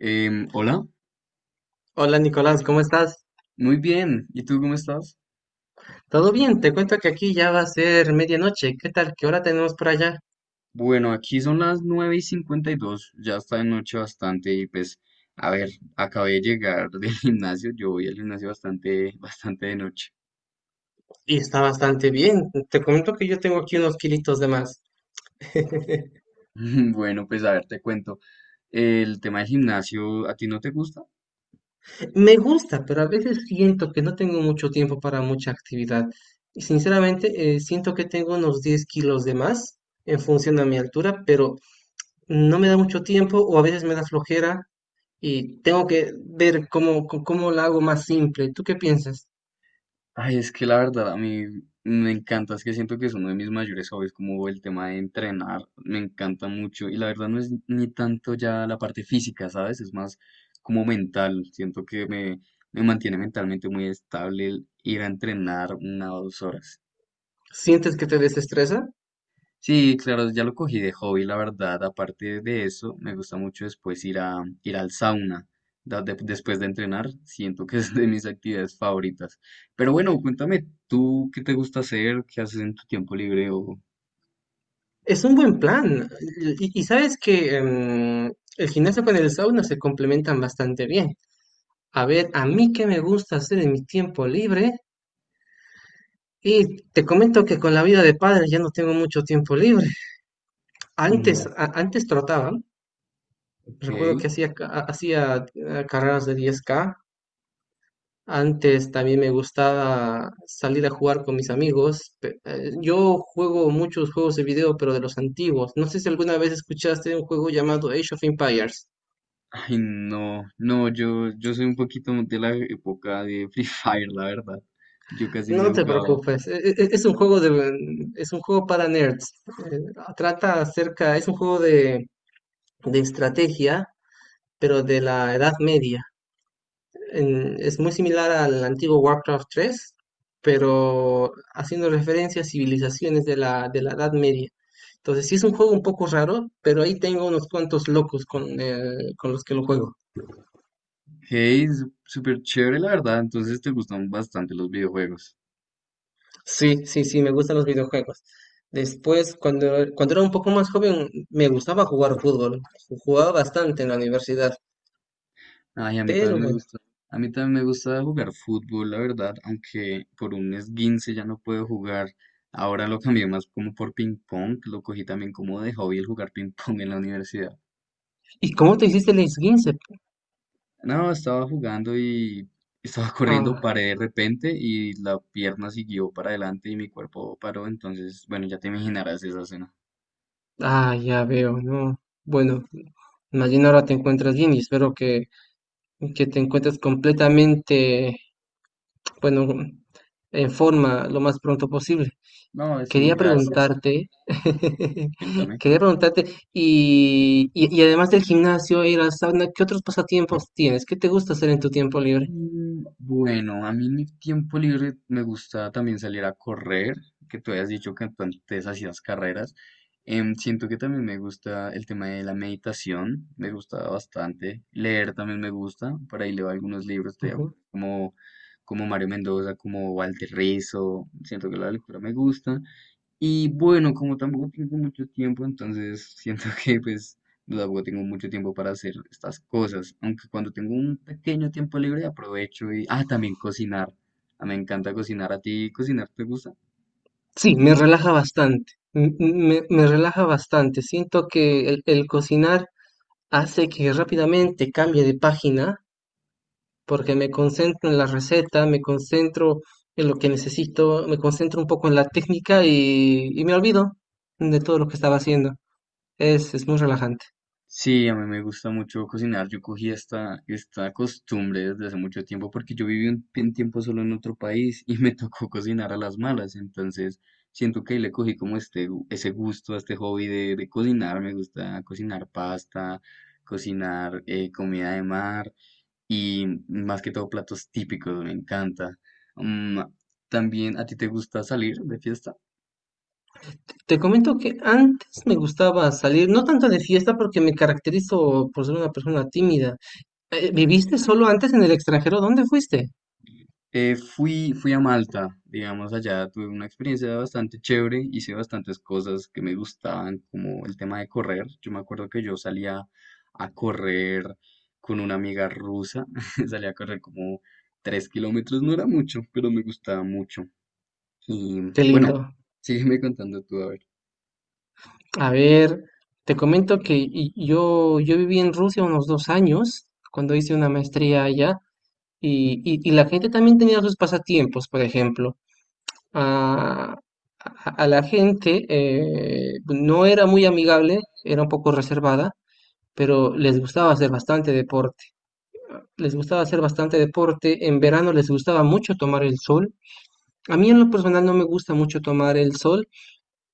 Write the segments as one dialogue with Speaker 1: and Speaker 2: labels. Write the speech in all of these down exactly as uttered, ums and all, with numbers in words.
Speaker 1: Em, hola,
Speaker 2: Hola Nicolás, ¿cómo estás?
Speaker 1: muy bien. ¿Y tú cómo estás?
Speaker 2: ¿Todo bien? Te cuento que aquí ya va a ser medianoche. ¿Qué tal? ¿Qué hora tenemos por allá?
Speaker 1: Bueno, aquí son las nueve y cincuenta y dos. Ya está de noche bastante y pues, a ver, acabé de llegar del gimnasio. Yo voy al gimnasio bastante, bastante de noche.
Speaker 2: Y está bastante bien. Te comento que yo tengo aquí unos kilitos de más.
Speaker 1: Bueno, pues a ver, te cuento. El tema del gimnasio, ¿a ti no te gusta?
Speaker 2: Me gusta, pero a veces siento que no tengo mucho tiempo para mucha actividad. Y sinceramente, eh, siento que tengo unos diez kilos de más en función a mi altura, pero no me da mucho tiempo o a veces me da flojera y tengo que ver cómo, cómo cómo la hago más simple. ¿Tú qué piensas?
Speaker 1: Ay, es que la verdad a mí me encanta, es que siento que es uno de mis mayores hobbies, como el tema de entrenar, me encanta mucho y la verdad no es ni tanto ya la parte física, ¿sabes? Es más como mental, siento que me, me mantiene mentalmente muy estable el ir a entrenar una o dos horas.
Speaker 2: ¿Sientes que te desestresa?
Speaker 1: Sí, claro, ya lo cogí de hobby, la verdad. Aparte de eso, me gusta mucho después ir a ir al sauna. Da- de- después de entrenar, siento que es de mis actividades favoritas. Pero bueno, cuéntame, ¿tú qué te gusta hacer? ¿Qué haces en tu tiempo libre? O...
Speaker 2: Es un buen plan. Y, y sabes que em, el gimnasio con el sauna se complementan bastante bien. A ver, a mí qué me gusta hacer en mi tiempo libre. Y te comento que con la vida de padre ya no tengo mucho tiempo libre. Antes,
Speaker 1: No,
Speaker 2: a- antes trotaba. Recuerdo
Speaker 1: ok.
Speaker 2: que hacía, ca- a- hacía eh, carreras de diez k. Antes también me gustaba salir a jugar con mis amigos. pe- eh, Yo juego muchos juegos de video, pero de los antiguos. No sé si alguna vez escuchaste un juego llamado Age of Empires.
Speaker 1: Ay, no, no, yo, yo soy un poquito de la época de Free Fire, la verdad. Yo casi no he
Speaker 2: No te
Speaker 1: jugado.
Speaker 2: preocupes, e- e- es un juego de, es un juego para nerds. Eh, Trata acerca, es un juego de, de estrategia, pero de la Edad Media. En- es muy similar al antiguo Warcraft tres, pero haciendo referencia a civilizaciones de la, de la Edad Media. Entonces sí es un juego un poco raro, pero ahí tengo unos cuantos locos con, eh, con los que lo juego.
Speaker 1: Hey, súper chévere, la verdad. Entonces te gustan bastante los videojuegos.
Speaker 2: Sí, sí, sí, me gustan los videojuegos. Después, cuando, cuando era un poco más joven, me gustaba jugar fútbol. Jugaba bastante en la universidad,
Speaker 1: Ay, a mí
Speaker 2: pero
Speaker 1: también me
Speaker 2: bueno.
Speaker 1: gusta. A mí también me gusta jugar fútbol, la verdad, aunque por un esguince ya no puedo jugar. Ahora lo cambié más como por ping pong, lo cogí también como de hobby el jugar ping pong en la universidad.
Speaker 2: ¿Y cómo te hiciste el esguince?
Speaker 1: No, estaba jugando y estaba corriendo,
Speaker 2: Ah,
Speaker 1: paré de repente y la pierna siguió para adelante y mi cuerpo paró, entonces, bueno, ya te imaginarás esa escena.
Speaker 2: ah, ya veo, ¿no? Bueno, más bien ahora te encuentras bien y espero que, que te encuentres completamente, bueno, en forma lo más pronto posible.
Speaker 1: No, sí,
Speaker 2: Quería
Speaker 1: gracias.
Speaker 2: preguntarte,
Speaker 1: Cuéntame.
Speaker 2: quería preguntarte, y, y- y además del gimnasio y la sauna, ¿qué otros pasatiempos tienes? ¿Qué te gusta hacer en tu tiempo libre?
Speaker 1: Mm, Bueno, a mí en mi tiempo libre me gusta también salir a correr, que tú habías dicho que tú antes hacías carreras. Em, siento que también me gusta el tema de la meditación, me gusta bastante. Leer también me gusta, por ahí leo algunos libros de, au-
Speaker 2: Ujú.
Speaker 1: como, como Mario Mendoza, como Walter Rizzo, siento que la lectura me gusta. Y bueno, como tampoco tengo mucho tiempo, entonces siento que pues no tampoco tengo mucho tiempo para hacer estas cosas, aunque cuando tengo un pequeño tiempo libre aprovecho y... Ah, también cocinar. Ah, me encanta cocinar. ¿A ti cocinar te gusta?
Speaker 2: Sí, me relaja bastante, m- m- me, me relaja bastante. Siento que el, el cocinar hace que rápidamente cambie de página, porque me concentro en la receta, me concentro en lo que necesito, me concentro un poco en la técnica y, y me olvido de todo lo que estaba haciendo. Es, es muy relajante.
Speaker 1: Sí, a mí me gusta mucho cocinar. Yo cogí esta, esta costumbre desde hace mucho tiempo porque yo viví un, un tiempo solo en otro país y me tocó cocinar a las malas. Entonces, siento que ahí le cogí como este, gu- ese gusto, este hobby de, de cocinar. Me gusta cocinar pasta, cocinar eh, comida de mar. Y más que todo platos típicos, me encanta. Mm, También, ¿a ti te gusta salir de fiesta?
Speaker 2: Te comento que antes me gustaba salir, no tanto de fiesta porque me caracterizo por ser una persona tímida. Eh, ¿viviste solo antes en el extranjero? ¿Dónde fuiste?
Speaker 1: Eh, fui, fui a Malta, digamos, allá tuve una experiencia bastante chévere, hice bastantes cosas que me gustaban, como el tema de correr. Yo me acuerdo que yo salía a correr con una amiga rusa, salía a correr como tres kilómetros, no era mucho, pero me gustaba mucho. Y
Speaker 2: Qué
Speaker 1: bueno,
Speaker 2: lindo.
Speaker 1: sígueme contando tú, a ver.
Speaker 2: A ver, te comento que y- yo, yo viví en Rusia unos dos años cuando hice una maestría allá y, y- y la gente también tenía sus pasatiempos, por ejemplo. Ah, a, a la gente eh, no era muy amigable, era un poco reservada, pero les gustaba hacer bastante deporte. Les gustaba hacer bastante deporte, en verano les gustaba mucho tomar el sol. A mí en lo personal no me gusta mucho tomar el sol,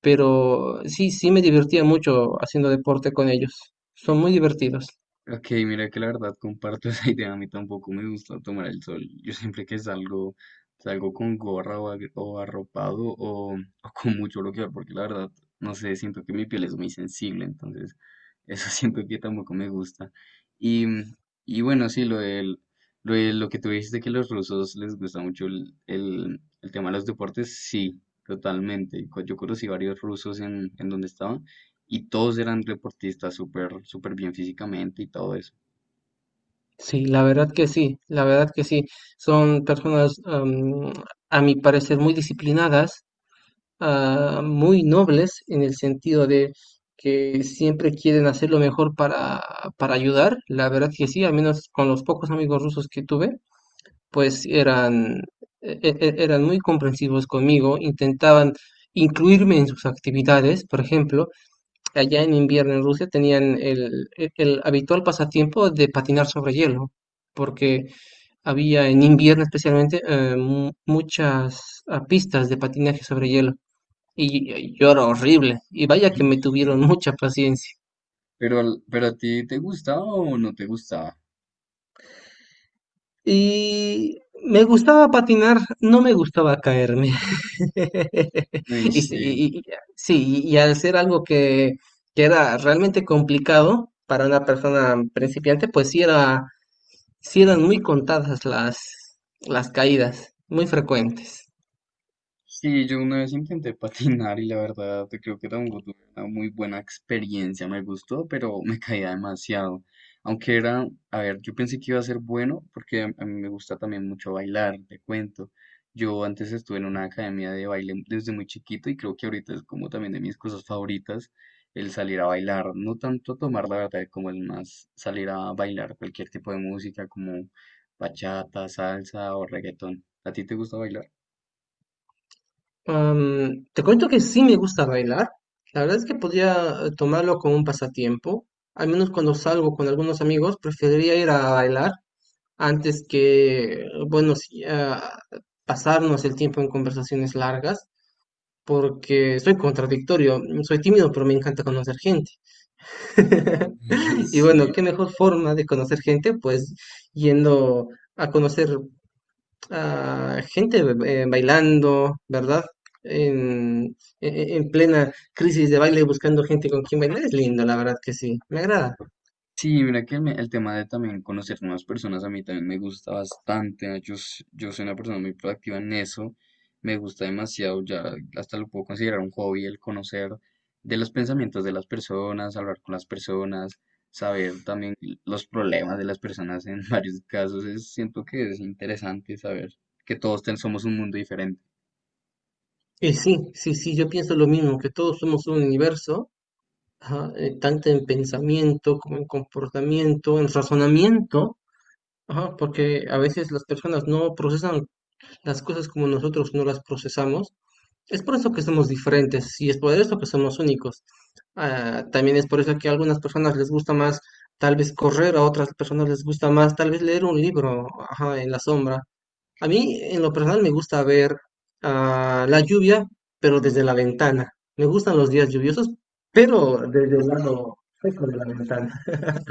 Speaker 2: pero sí, sí me divertía mucho haciendo deporte con ellos. Son muy divertidos.
Speaker 1: Ok, mira que la verdad comparto esa idea, a mí tampoco me gusta tomar el sol. Yo siempre que salgo, salgo con gorra o, ag- o arropado o, o con mucho bloqueador, porque la verdad, no sé, siento que mi piel es muy sensible, entonces eso siento que tampoco me gusta. Y, y bueno, sí, lo del, lo de lo que tú dijiste que los rusos les gusta mucho el, el, el tema de los deportes, sí, totalmente. Co- Yo conocí varios rusos en, en donde estaba y todos eran deportistas súper, súper bien físicamente y todo eso.
Speaker 2: Sí, la verdad que sí, la verdad que sí. Son personas, am, a mi parecer, muy disciplinadas, ah, muy nobles en el sentido de que siempre quieren hacer lo mejor para, para ayudar. La verdad que sí, al menos con los pocos amigos rusos que tuve pues eran, e- e- e, eran muy comprensivos conmigo, intentaban incluirme en sus actividades, por ejemplo, allá en invierno en Rusia tenían el, el- el habitual pasatiempo de patinar sobre hielo, porque había en invierno especialmente eh, mu- muchas ah, pistas de patinaje sobre hielo. Y, y yo era horrible, y vaya que me tuvieron mucha paciencia.
Speaker 1: Pero, al- pero a ti te gustaba o no te gustaba?
Speaker 2: Y me gustaba patinar, no me gustaba caerme.
Speaker 1: Uy,
Speaker 2: Y, sí,
Speaker 1: sí.
Speaker 2: y- y- sí, y al ser algo que, que era realmente complicado para una persona principiante, pues sí, era, sí eran muy contadas las, las caídas, muy frecuentes.
Speaker 1: Sí, yo una vez intenté patinar y la verdad creo que tampoco tuve una muy buena experiencia. Me gustó, pero me caía demasiado. Aunque era, a ver, yo pensé que iba a ser bueno porque a a mí me gusta también mucho bailar, te cuento. Yo antes estuve en una academia de baile desde muy chiquito y creo que ahorita es como también de mis cosas favoritas el salir a bailar. No tanto tomar la verdad como el más salir a bailar cualquier tipo de música como bachata, salsa o reggaetón. ¿A ti te gusta bailar?
Speaker 2: Am, te cuento que sí me gusta bailar. La verdad es que podría eh, tomarlo como un pasatiempo. Al menos cuando salgo con algunos amigos, preferiría ir a bailar antes que, bueno, sí, ah, pasarnos el tiempo en conversaciones largas, porque soy contradictorio, soy tímido, pero me encanta conocer gente. Y bueno,
Speaker 1: Sí.
Speaker 2: qué mejor forma de conocer gente, pues yendo a conocer a gente eh, bailando, ¿verdad? En, en- en plena crisis de baile, buscando gente con quien bailar, es lindo, la verdad que sí, me agrada.
Speaker 1: Sí, mira que el, me- el tema de también conocer nuevas personas a mí también me gusta bastante. ¿No? Yo, s- yo soy una persona muy proactiva en eso. Me gusta demasiado, ya hasta lo puedo considerar un hobby el conocer de los pensamientos de las personas, hablar con las personas, saber también los problemas de las personas en varios casos. Es- siento que es interesante saber que todos ten- somos un mundo diferente.
Speaker 2: Y sí, sí, sí, yo pienso lo mismo, que todos somos un universo, ajá, eh, tanto en pensamiento como en comportamiento, en razonamiento. Ajá, porque a veces las personas no procesan las cosas como nosotros no las procesamos. Es por eso que somos diferentes y es por eso que somos únicos. Ah, también es por eso que a algunas personas les gusta más tal vez correr, a otras personas les gusta más tal vez leer un libro, ajá, en la sombra. A mí en lo personal me gusta ver ah, la lluvia, pero desde la ventana. Me gustan los días lluviosos, pero desde el lado seco de la ventana.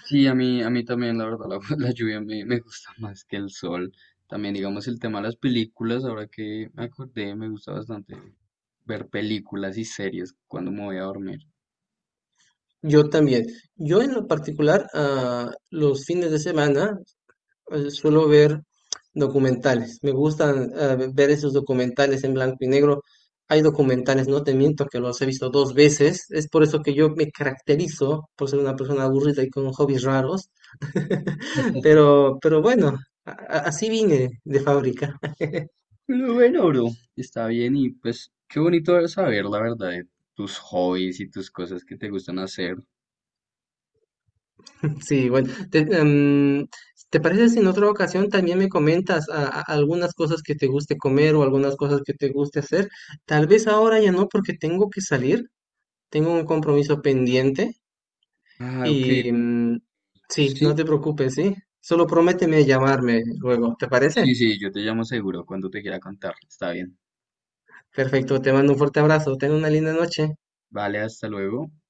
Speaker 1: Sí, a mí, a mí, también, la verdad, la, la lluvia me, me gusta más que el sol. También, digamos, el tema de las películas, ahora que me acordé, me gusta bastante ver películas y series cuando me voy a dormir.
Speaker 2: Yo también. Yo en lo particular, ah, los fines de semana eh, suelo ver documentales. Me gustan ah, ve- ver esos documentales en blanco y negro. Hay documentales, no te miento, que los he visto dos veces. Es por eso que yo me caracterizo por ser una persona aburrida y con hobbies raros. Pero, pero bueno, a- a- así vine de fábrica.
Speaker 1: Pero bueno, bro, está bien y pues qué bonito saber, la verdad, de tus hobbies y tus cosas que te gustan hacer.
Speaker 2: Sí, bueno, te, em, ¿te parece si en otra ocasión también me comentas a- a- algunas cosas que te guste comer o algunas cosas que te guste hacer? Tal vez ahora ya no, porque tengo que salir, tengo un compromiso pendiente
Speaker 1: Ah, ok,
Speaker 2: y mm, sí, no
Speaker 1: sí,
Speaker 2: te preocupes, ¿sí? Solo prométeme llamarme luego, ¿te parece?
Speaker 1: sí, sí, yo te llamo seguro cuando te quiera contar. Está bien.
Speaker 2: Perfecto, te mando un fuerte abrazo, ten una linda noche.
Speaker 1: Vale, hasta luego.